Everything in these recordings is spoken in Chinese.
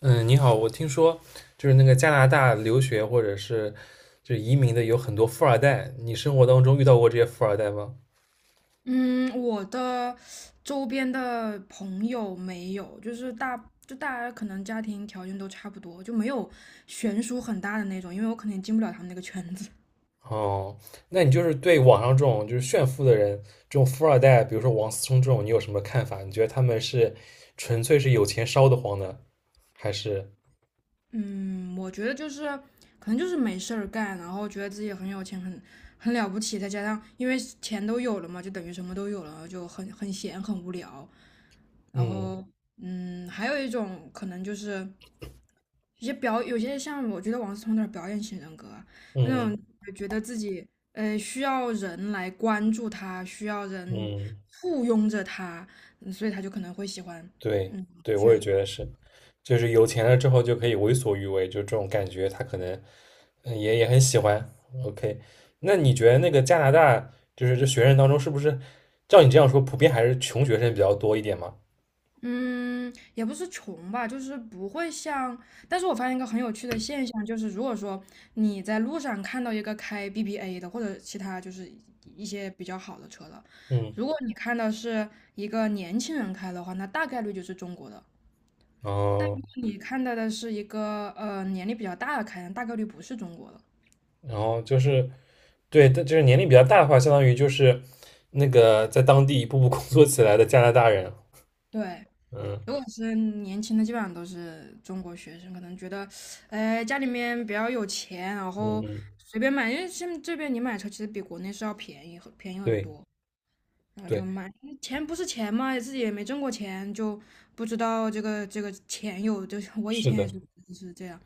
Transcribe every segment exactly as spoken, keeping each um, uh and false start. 嗯，你好，我听说就是那个加拿大留学或者是就是移民的有很多富二代，你生活当中遇到过这些富二代吗？嗯，我的周边的朋友没有，就是大就大家可能家庭条件都差不多，就没有悬殊很大的那种，因为我可能也进不了他们那个圈子。哦，那你就是对网上这种就是炫富的人，这种富二代，比如说王思聪这种，你有什么看法？你觉得他们是纯粹是有钱烧得慌呢，还是嗯，我觉得就是可能就是没事儿干，然后觉得自己很有钱，很很了不起，再加上因为钱都有了嘛，就等于什么都有了，就很很闲，很无聊。然后，嗯，还有一种可能就是一些表，有些像我觉得王思聪有点表演型人格啊那嗯种觉得自己呃需要人来关注他，需要嗯嗯？人嗯簇拥着他，嗯所以他就可能会喜欢对嗯。对，我也觉得是，就是有钱了之后就可以为所欲为，就这种感觉，他可能嗯也也很喜欢。OK,那你觉得那个加拿大就是这学生当中，是不是照你这样说，普遍还是穷学生比较多一点嘛？嗯，也不是穷吧，就是不会像。但是我发现一个很有趣的现象，就是如果说你在路上看到一个开 B B A 的，或者其他就是一些比较好的车的，嗯，如果你看到是一个年轻人开的话，那大概率就是中国的；但哦，如果你看到的是一个呃年龄比较大的开，大概率不是中国的。然后就是对，但就是年龄比较大的话，相当于就是那个在当地一步步工作起来的加拿大人。对，如嗯果是年轻的，基本上都是中国学生，可能觉得，哎，家里面比较有钱，然嗯后嗯，随便买，因为现在这边你买车其实比国内是要便宜很，便宜很对多，然后就对，买。钱不是钱嘛，自己也没挣过钱，就不知道这个这个钱有，就是我以是前也的，是是这样，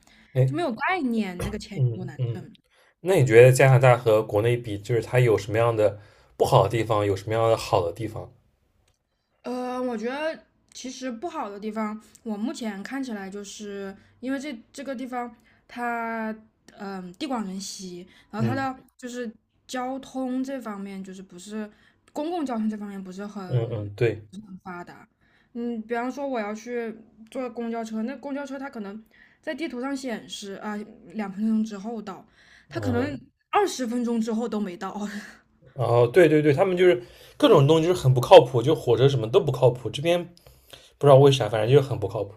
就哎，没有概念，那个钱有多嗯难嗯。挣。那你觉得加拿大和国内比，就是它有什么样的不好的地方，有什么样的好的地方？呃，我觉得其实不好的地方，我目前看起来就是因为这这个地方它嗯、地广人稀，然后它嗯的就是交通这方面就是不是公共交通这方面不是嗯很嗯，对，很发达。嗯，比方说我要去坐公交车，那公交车它可能在地图上显示啊、两分钟之后到，它可嗯，能二十分钟之后都没到。然后对对对，他们就是各种东西就是很不靠谱，就火车什么都不靠谱，这边不知道为啥，反正就是很不靠谱。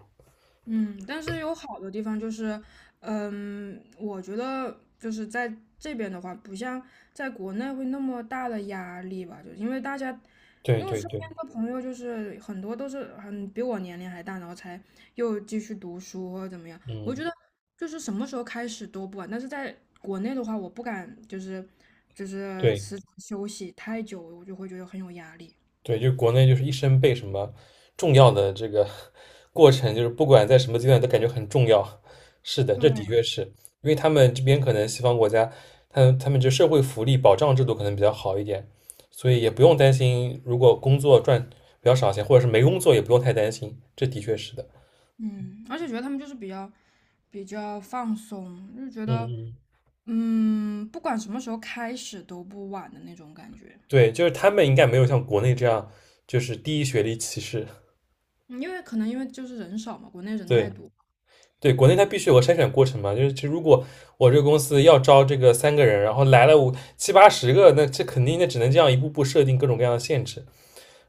嗯，但是有好的地方就是，嗯，我觉得就是在这边的话，不像在国内会那么大的压力吧，就是因为大家，对因为我对身对，边的朋友就是很多都是很比我年龄还大，然后才又继续读书或者怎么样。我觉嗯，得就是什么时候开始都不晚，但是在国内的话，我不敢就是就是对。辞职休息太久，我就会觉得很有压力。对，就国内就是一生被什么重要的这个 过程，就是不管在什么阶段都感觉很重要。是的，这对，的确是因为他们这边可能西方国家，他们他们这社会福利保障制度可能比较好一点，所以也不用担心，如果工作赚比较少钱，或者是没工作也不用太担心。这的确是的，嗯，而且觉得他们就是比较比较放松，就觉得。嗯嗯，嗯，不管什么时候开始都不晚的那种感觉，对，就是他们应该没有像国内这样就是低学历歧视。嗯因为可能因为就是人少嘛，国内人太对，多。对，国内它必须有个筛选过程嘛，就是其实如果我这个公司要招这个三个人，然后来了五七八十个，那这肯定那只能这样一步步设定各种各样的限制。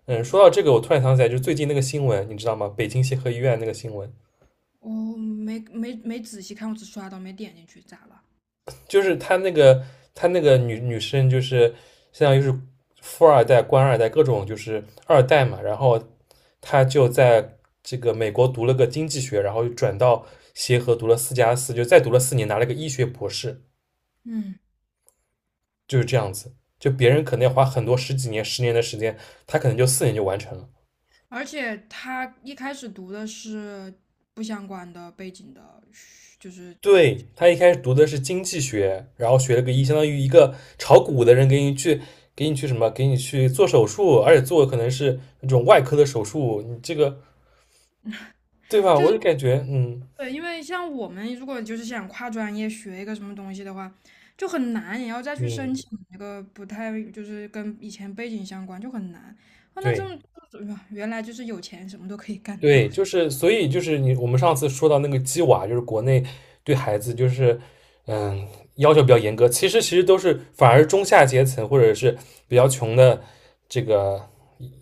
嗯，说到这个，我突然想起来，就是最近那个新闻，你知道吗？北京协和医院那个新闻，我没没没仔细看，我只刷到没点进去，咋了？就是他那个他那个女女生，就是相当于是富二代、官二代各种就是二代嘛，然后她就在这个美国读了个经济学，然后又转到协和读了四加四，就再读了四年，拿了个医学博士。嗯，就是这样子。就别人可能要花很多十几年、十年的时间，他可能就四年就完成了。而且他一开始读的是不相关的背景的就是对他一开始读的是经济学，然后学了个医，相当于一个炒股的人给你去给你去什么，给你去做手术，而且做可能是那种外科的手术，你这个对吧？就我就是感觉，嗯对，因为像我们如果就是想跨专业学一个什么东西的话，就很难，也要再去申嗯，请一个不太就是跟以前背景相关，就很难。哦，那这对。种原来就是有钱什么都可以干到，对，是就吧？是所以就是你我们上次说到那个鸡娃，就是国内对孩子就是嗯要求比较严格，其实其实都是反而中下阶层或者是比较穷的这个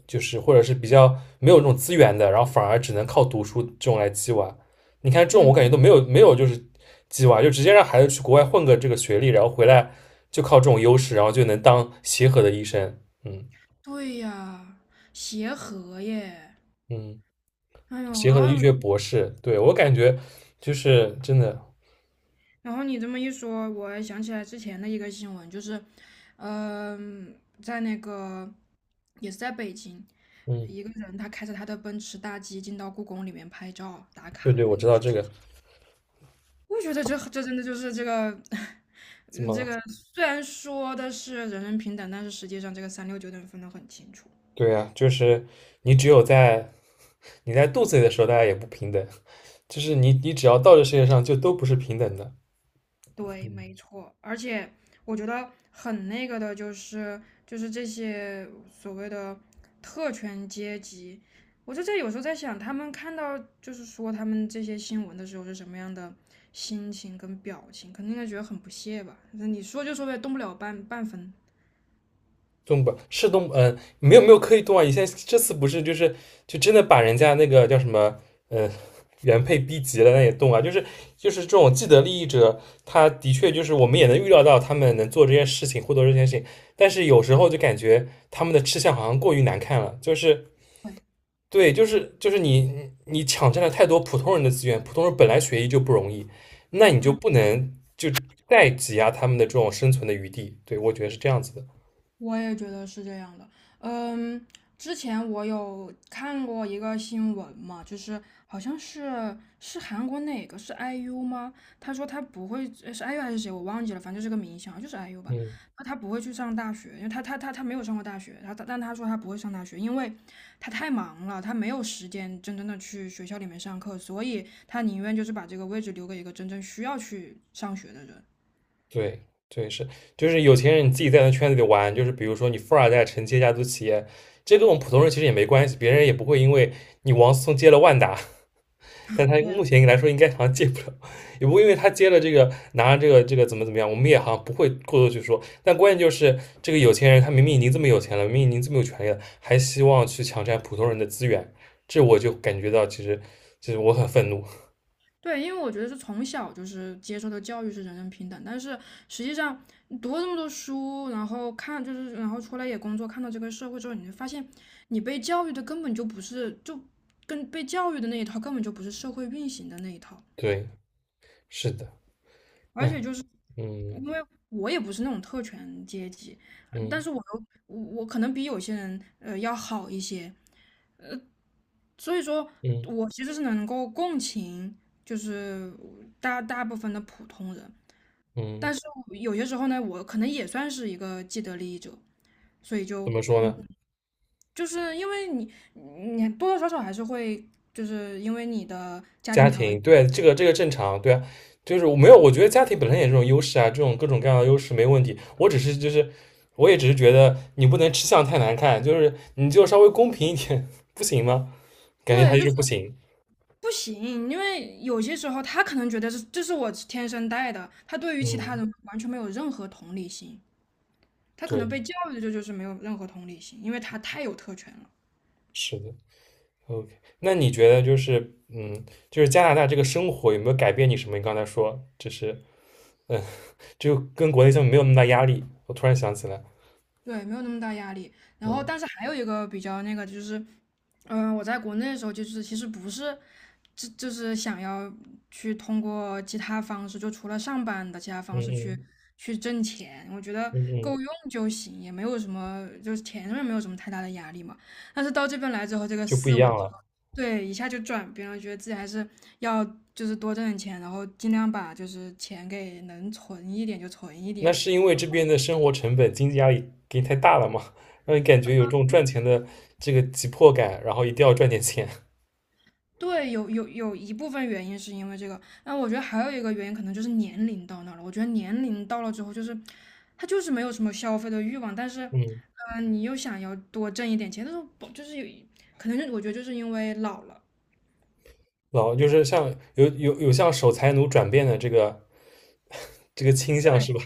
就是或者是比较没有那种资源的，然后反而只能靠读书这种来鸡娃。你看这种我嗯，感觉都没有没有就是鸡娃，就直接让孩子去国外混个这个学历，然后回来就靠这种优势，然后就能当协和的医生。嗯对呀，协和耶，嗯。哎呦，协和的啊，医学博士。对我感觉就是真的，然后你这么一说，我想起来之前的一个新闻，就是，嗯、在那个也是在北京，嗯，一个人他开着他的奔驰大 G 进到故宫里面拍照打卡对的对，那我个知道事这个情，我觉得这这真的就是这个，怎呃这么个虽然说的是人人平等，但是实际上这个三六九等分得很清楚。对呀，就是你只有在你在肚子里的时候，大家也不平等，就是你你只要到这世界上，就都不是平等的。对，没错，而且我觉得很那个的，就是就是这些所谓的特权阶级，我就在有时候在想，他们看到就是说他们这些新闻的时候是什么样的心情跟表情，肯定应该觉得很不屑吧？就是你说就说呗，动不了半半分。动北是动？嗯、呃没有没有刻意动啊。以前这次不是就是就真的把人家那个叫什么，嗯、呃原配逼急了，那也动啊。就是就是这种既得利益者，他的确就是我们也能预料到他们能做这件事情，获得这件事情，但是有时候就感觉他们的吃相好像过于难看了，就是对，对，就是就是你你抢占了太多普通人的资源，普通人本来学医就不容易，那你就嗯。不能就再挤压他们的这种生存的余地。对，我觉得是这样子的。我也觉得是这样的。嗯，之前我有看过一个新闻嘛，就是好像是是韩国哪个是 I U 吗？他说他不会呃是 I U 还是谁，我忘记了，反正就是个明星，好像就是 I U 吧。嗯。他他不会去上大学，因为他他他他没有上过大学，他但他说他不会上大学，因为他太忙了，他没有时间真正的去学校里面上课，所以他宁愿就是把这个位置留给一个真正需要去上学的人。对对是，就是有钱人你自己在那圈子里玩，就是比如说你富二代承接家族企业，这跟我们普通人其实也没关系，别人也不会因为你王思聪接了万达，但他对目前来说应该好像接不了，也不会因为他接了这个拿了这个这个怎么怎么样，我们也好像不会过多去说。但关键就是这个有钱人他明明已经这么有钱了，明明已经这么有权利了，还希望去抢占普通人的资源，这我就感觉到其实其实我很愤怒。对，因为我觉得是从小就是接受的教育是人人平等，但是实际上你读了这么多书，然后看就是然后出来也工作，看到这个社会之后，你就发现你被教育的根本就不是，就跟被教育的那一套根本就不是社会运行的那一套，对，是的，而且哎，就是嗯因为我也不是那种特权阶级，呃但嗯是我又我可能比有些人呃要好一些，所以说嗯我其实是能够共情，就是大大部分的普通人。嗯。但是我有些时候呢，我可能也算是一个既得利益者，所以怎就么说呢？就是因为你，你多多少少还是会，就是因为你的家庭家条庭，件，对，这个这个正常，对啊，就是我没有，我觉得家庭本身也是种优势啊，这种各种各样的优势没问题。我只是就是，我也只是觉得你不能吃相太难看，就是你就稍微公平一点，不行吗？感觉他对，就就是是不行。不行，因为有些时候他可能觉得这这是我天生带的，他对于其他嗯，人完全没有任何同理心，他可能被对，教育的就就是没有任何同理心，因为他太有特权了。是的，OK。那你觉得就是，嗯，就是加拿大这个生活有没有改变你什么？你刚才说，就是，嗯，就跟国内相比没有那么大压力。我突然想起来，对，没有那么大压力。然后，嗯但是还有一个比较那个就是，嗯、我在国内的时候，就是其实不是，就就是想要去通过其他方式，就除了上班的其他嗯方式去嗯去挣钱，我觉得嗯嗯，够用就行，也没有什么，就是钱上面没有什么太大的压力嘛。但是到这边来之后，这个就不一思维样就了。对一下就转变了，觉得自己还是要就是多挣点钱，然后尽量把就是钱给能存一点就存一那点。是因为这边的生活成本、经济压力给你太大了嘛，让你感觉有这种赚钱的这个急迫感，然后一定要赚点钱。对，有有有一部分原因是因为这个，那我觉得还有一个原因可能就是年龄到那儿了。我觉得年龄到了之后，就是他就是没有什么消费的欲望，但是，嗯，嗯，你又想要多挣一点钱，但是不就是有一可能就我觉得就是因为老了。老就是像有有有向守财奴转变的这个 这个倾向是对吧？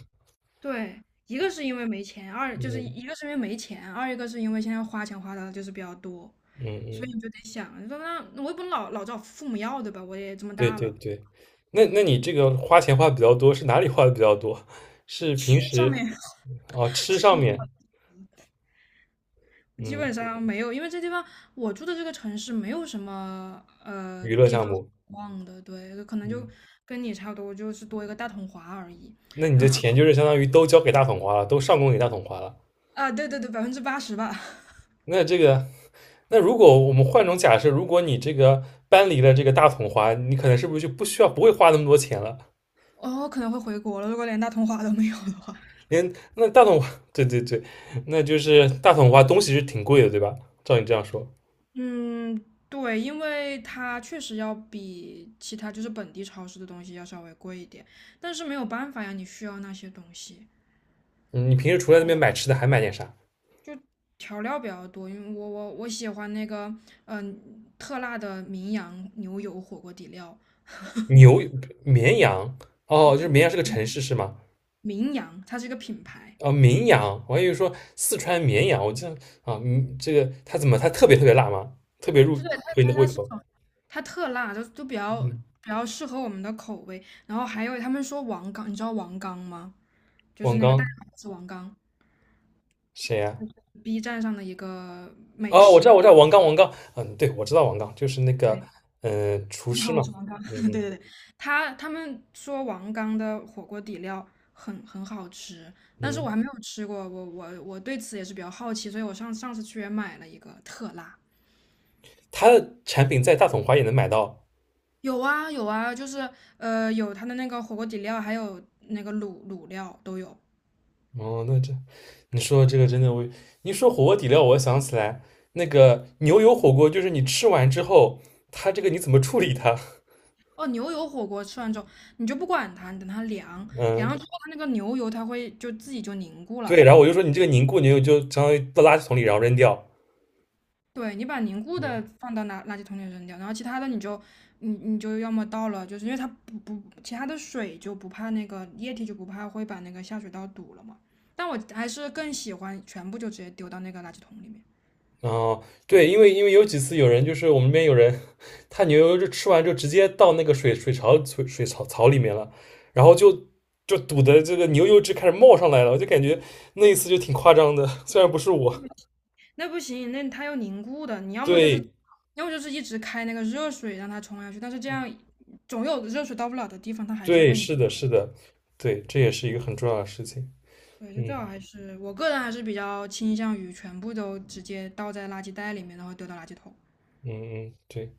对，一个是因为没钱，二就是嗯一个是因为没钱，二一个是因为现在花钱花的就是比较多，嗯所以嗯，你就得想，你说那我也不能老老找父母要，对吧？我也这么对大对了，对。那那嗯，你这个花钱花的比较多，是哪里花的比较多？是吃平上时面 哦吃上 面，基嗯，本上没有，因为这地方我住的这个城市没有什么呃娱乐地项方目，逛的，对，可能就嗯，跟你差不多，就是多一个大统华而已。那你这钱就是相当于都交给大桶花了，都上供给大桶花了。啊，对对对，百分之八十吧。那这个，那如果我们换种假设，如果你这个搬离了这个大桶花，你可能是不是就不需要不会花那么多钱了？哦，可能会回国了，如果连大统华都没有的话。连那大桶华，对对对，那就是大桶花东西是挺贵的，对吧？照你这样说，嗯，对，因为它确实要比其他就是本地超市的东西要稍微贵一点，但是没有办法呀，你需要那些东西，嗯你平时除了那边买吃的，还买点啥？调料比较多，因为我我我喜欢那个嗯、特辣的名扬牛油火锅底料，牛、绵羊，哦，就是绵阳是个城市是吗？名扬，它是一个品牌，哦，绵阳，我还以为说四川绵阳，我记得啊，嗯，这个它怎么它特别特别辣吗？特别入就对，它合你的它胃它是口？很它特辣，就就比较嗯，比较适合我们的口味。然后还有他们说王刚，你知道王刚吗？就是王那个代刚码是王刚谁呀、，B 站上的一个美哦，我知道，食，我知道，王刚，王刚，嗯，对，我知道王刚，就是那个，对，嗯，厨大家师好，我嘛，是王刚，嗯 对嗯对对，他他们说王刚的火锅底料很很好吃，但是我嗯，还没有吃过，我我我对此也是比较好奇，所以我上上次去也买了一个特辣。他的产品在大统华也能买到。有啊有啊，就是呃有它的那个火锅底料，还有那个卤卤料都有。哦，那这，你说这个真的我，你说火锅底料，我想起来那个牛油火锅，就是你吃完之后，它这个你怎么处理它？哦，牛油火锅吃完之后，你就不管它，你等它凉，凉嗯，了之后它那个牛油它会就自己就凝固了。对，然后我就说你这个凝固牛油就相当于到垃圾桶里，然后扔掉。对，你把凝固嗯。的放到垃垃圾桶里扔掉，然后其他的你就你你就要么倒了，就是因为它不不其他的水就不怕那个液体就不怕会把那个下水道堵了嘛。但我还是更喜欢全部就直接丢到那个垃圾桶里面。哦，对，因为因为有几次有人就是我们那边有人，他牛油就吃完就直接到那个水水槽水水槽槽里面了，然后就就堵的这个牛油汁开始冒上来了，我就感觉那一次就挺夸张的，虽然不是我，那不行，那它要凝固的，你要么就是，对要么就是一直开那个热水让它冲下去，但是这样总有热水到不了的地方，它还是对，会凝。是的，是的，对，这也是一个很重要的事情，对，就最嗯好还是我个人还是比较倾向于全部都直接倒在垃圾袋里面，然后丢到垃圾桶，嗯嗯，对，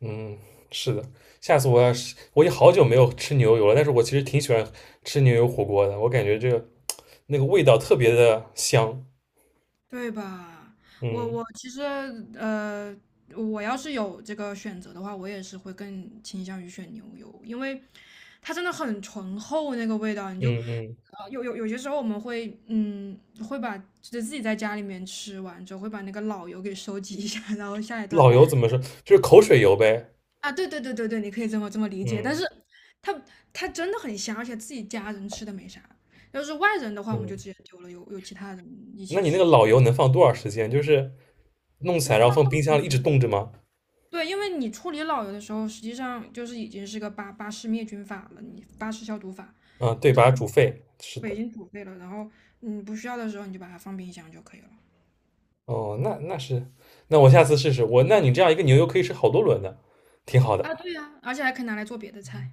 嗯，是的，下次我要是我已经好久没有吃牛油了，但是我其实挺喜欢吃牛油火锅的，我感觉这个那个味道特别的香，对吧？我嗯我其实呃，我要是有这个选择的话，我也是会更倾向于选牛油，因为它真的很醇厚那个味道，你就嗯嗯。呃，有有有些时候我们会，嗯，会把就自己在家里面吃完之后，会把那个老油给收集一下，然后下一顿老油怎么说？就是口水油呗。啊，对对对对对，你可以这么这么理解。但嗯是它它真的很香，而且自己家人吃的没啥。要是外人的话，我们就嗯，直接丢了，有有其他人一那起你那吃个了。老油能放多少时间？就是弄起你来，然后放放冰箱里一直冻着吗？对，因为你处理老油的时候，实际上就是已经是个巴巴氏灭菌法了，你巴氏消毒法，嗯，对，这把它煮沸。是对已的。经煮沸了，然后你不需要的时候你就把它放冰箱就可以了。哦，那那是，那我下次试试。我，那你这样一个牛油可以吃好多轮的，挺好的。啊，对呀、而且还可以拿来做别的菜。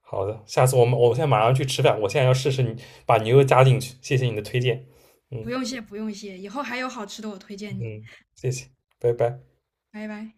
好的，下次我们我现在马上去吃饭，我现在要试试你把牛油加进去。谢谢你的推荐。不嗯用谢，不用谢，以后还有好吃的我推荐你，嗯，谢谢，拜拜。拜拜。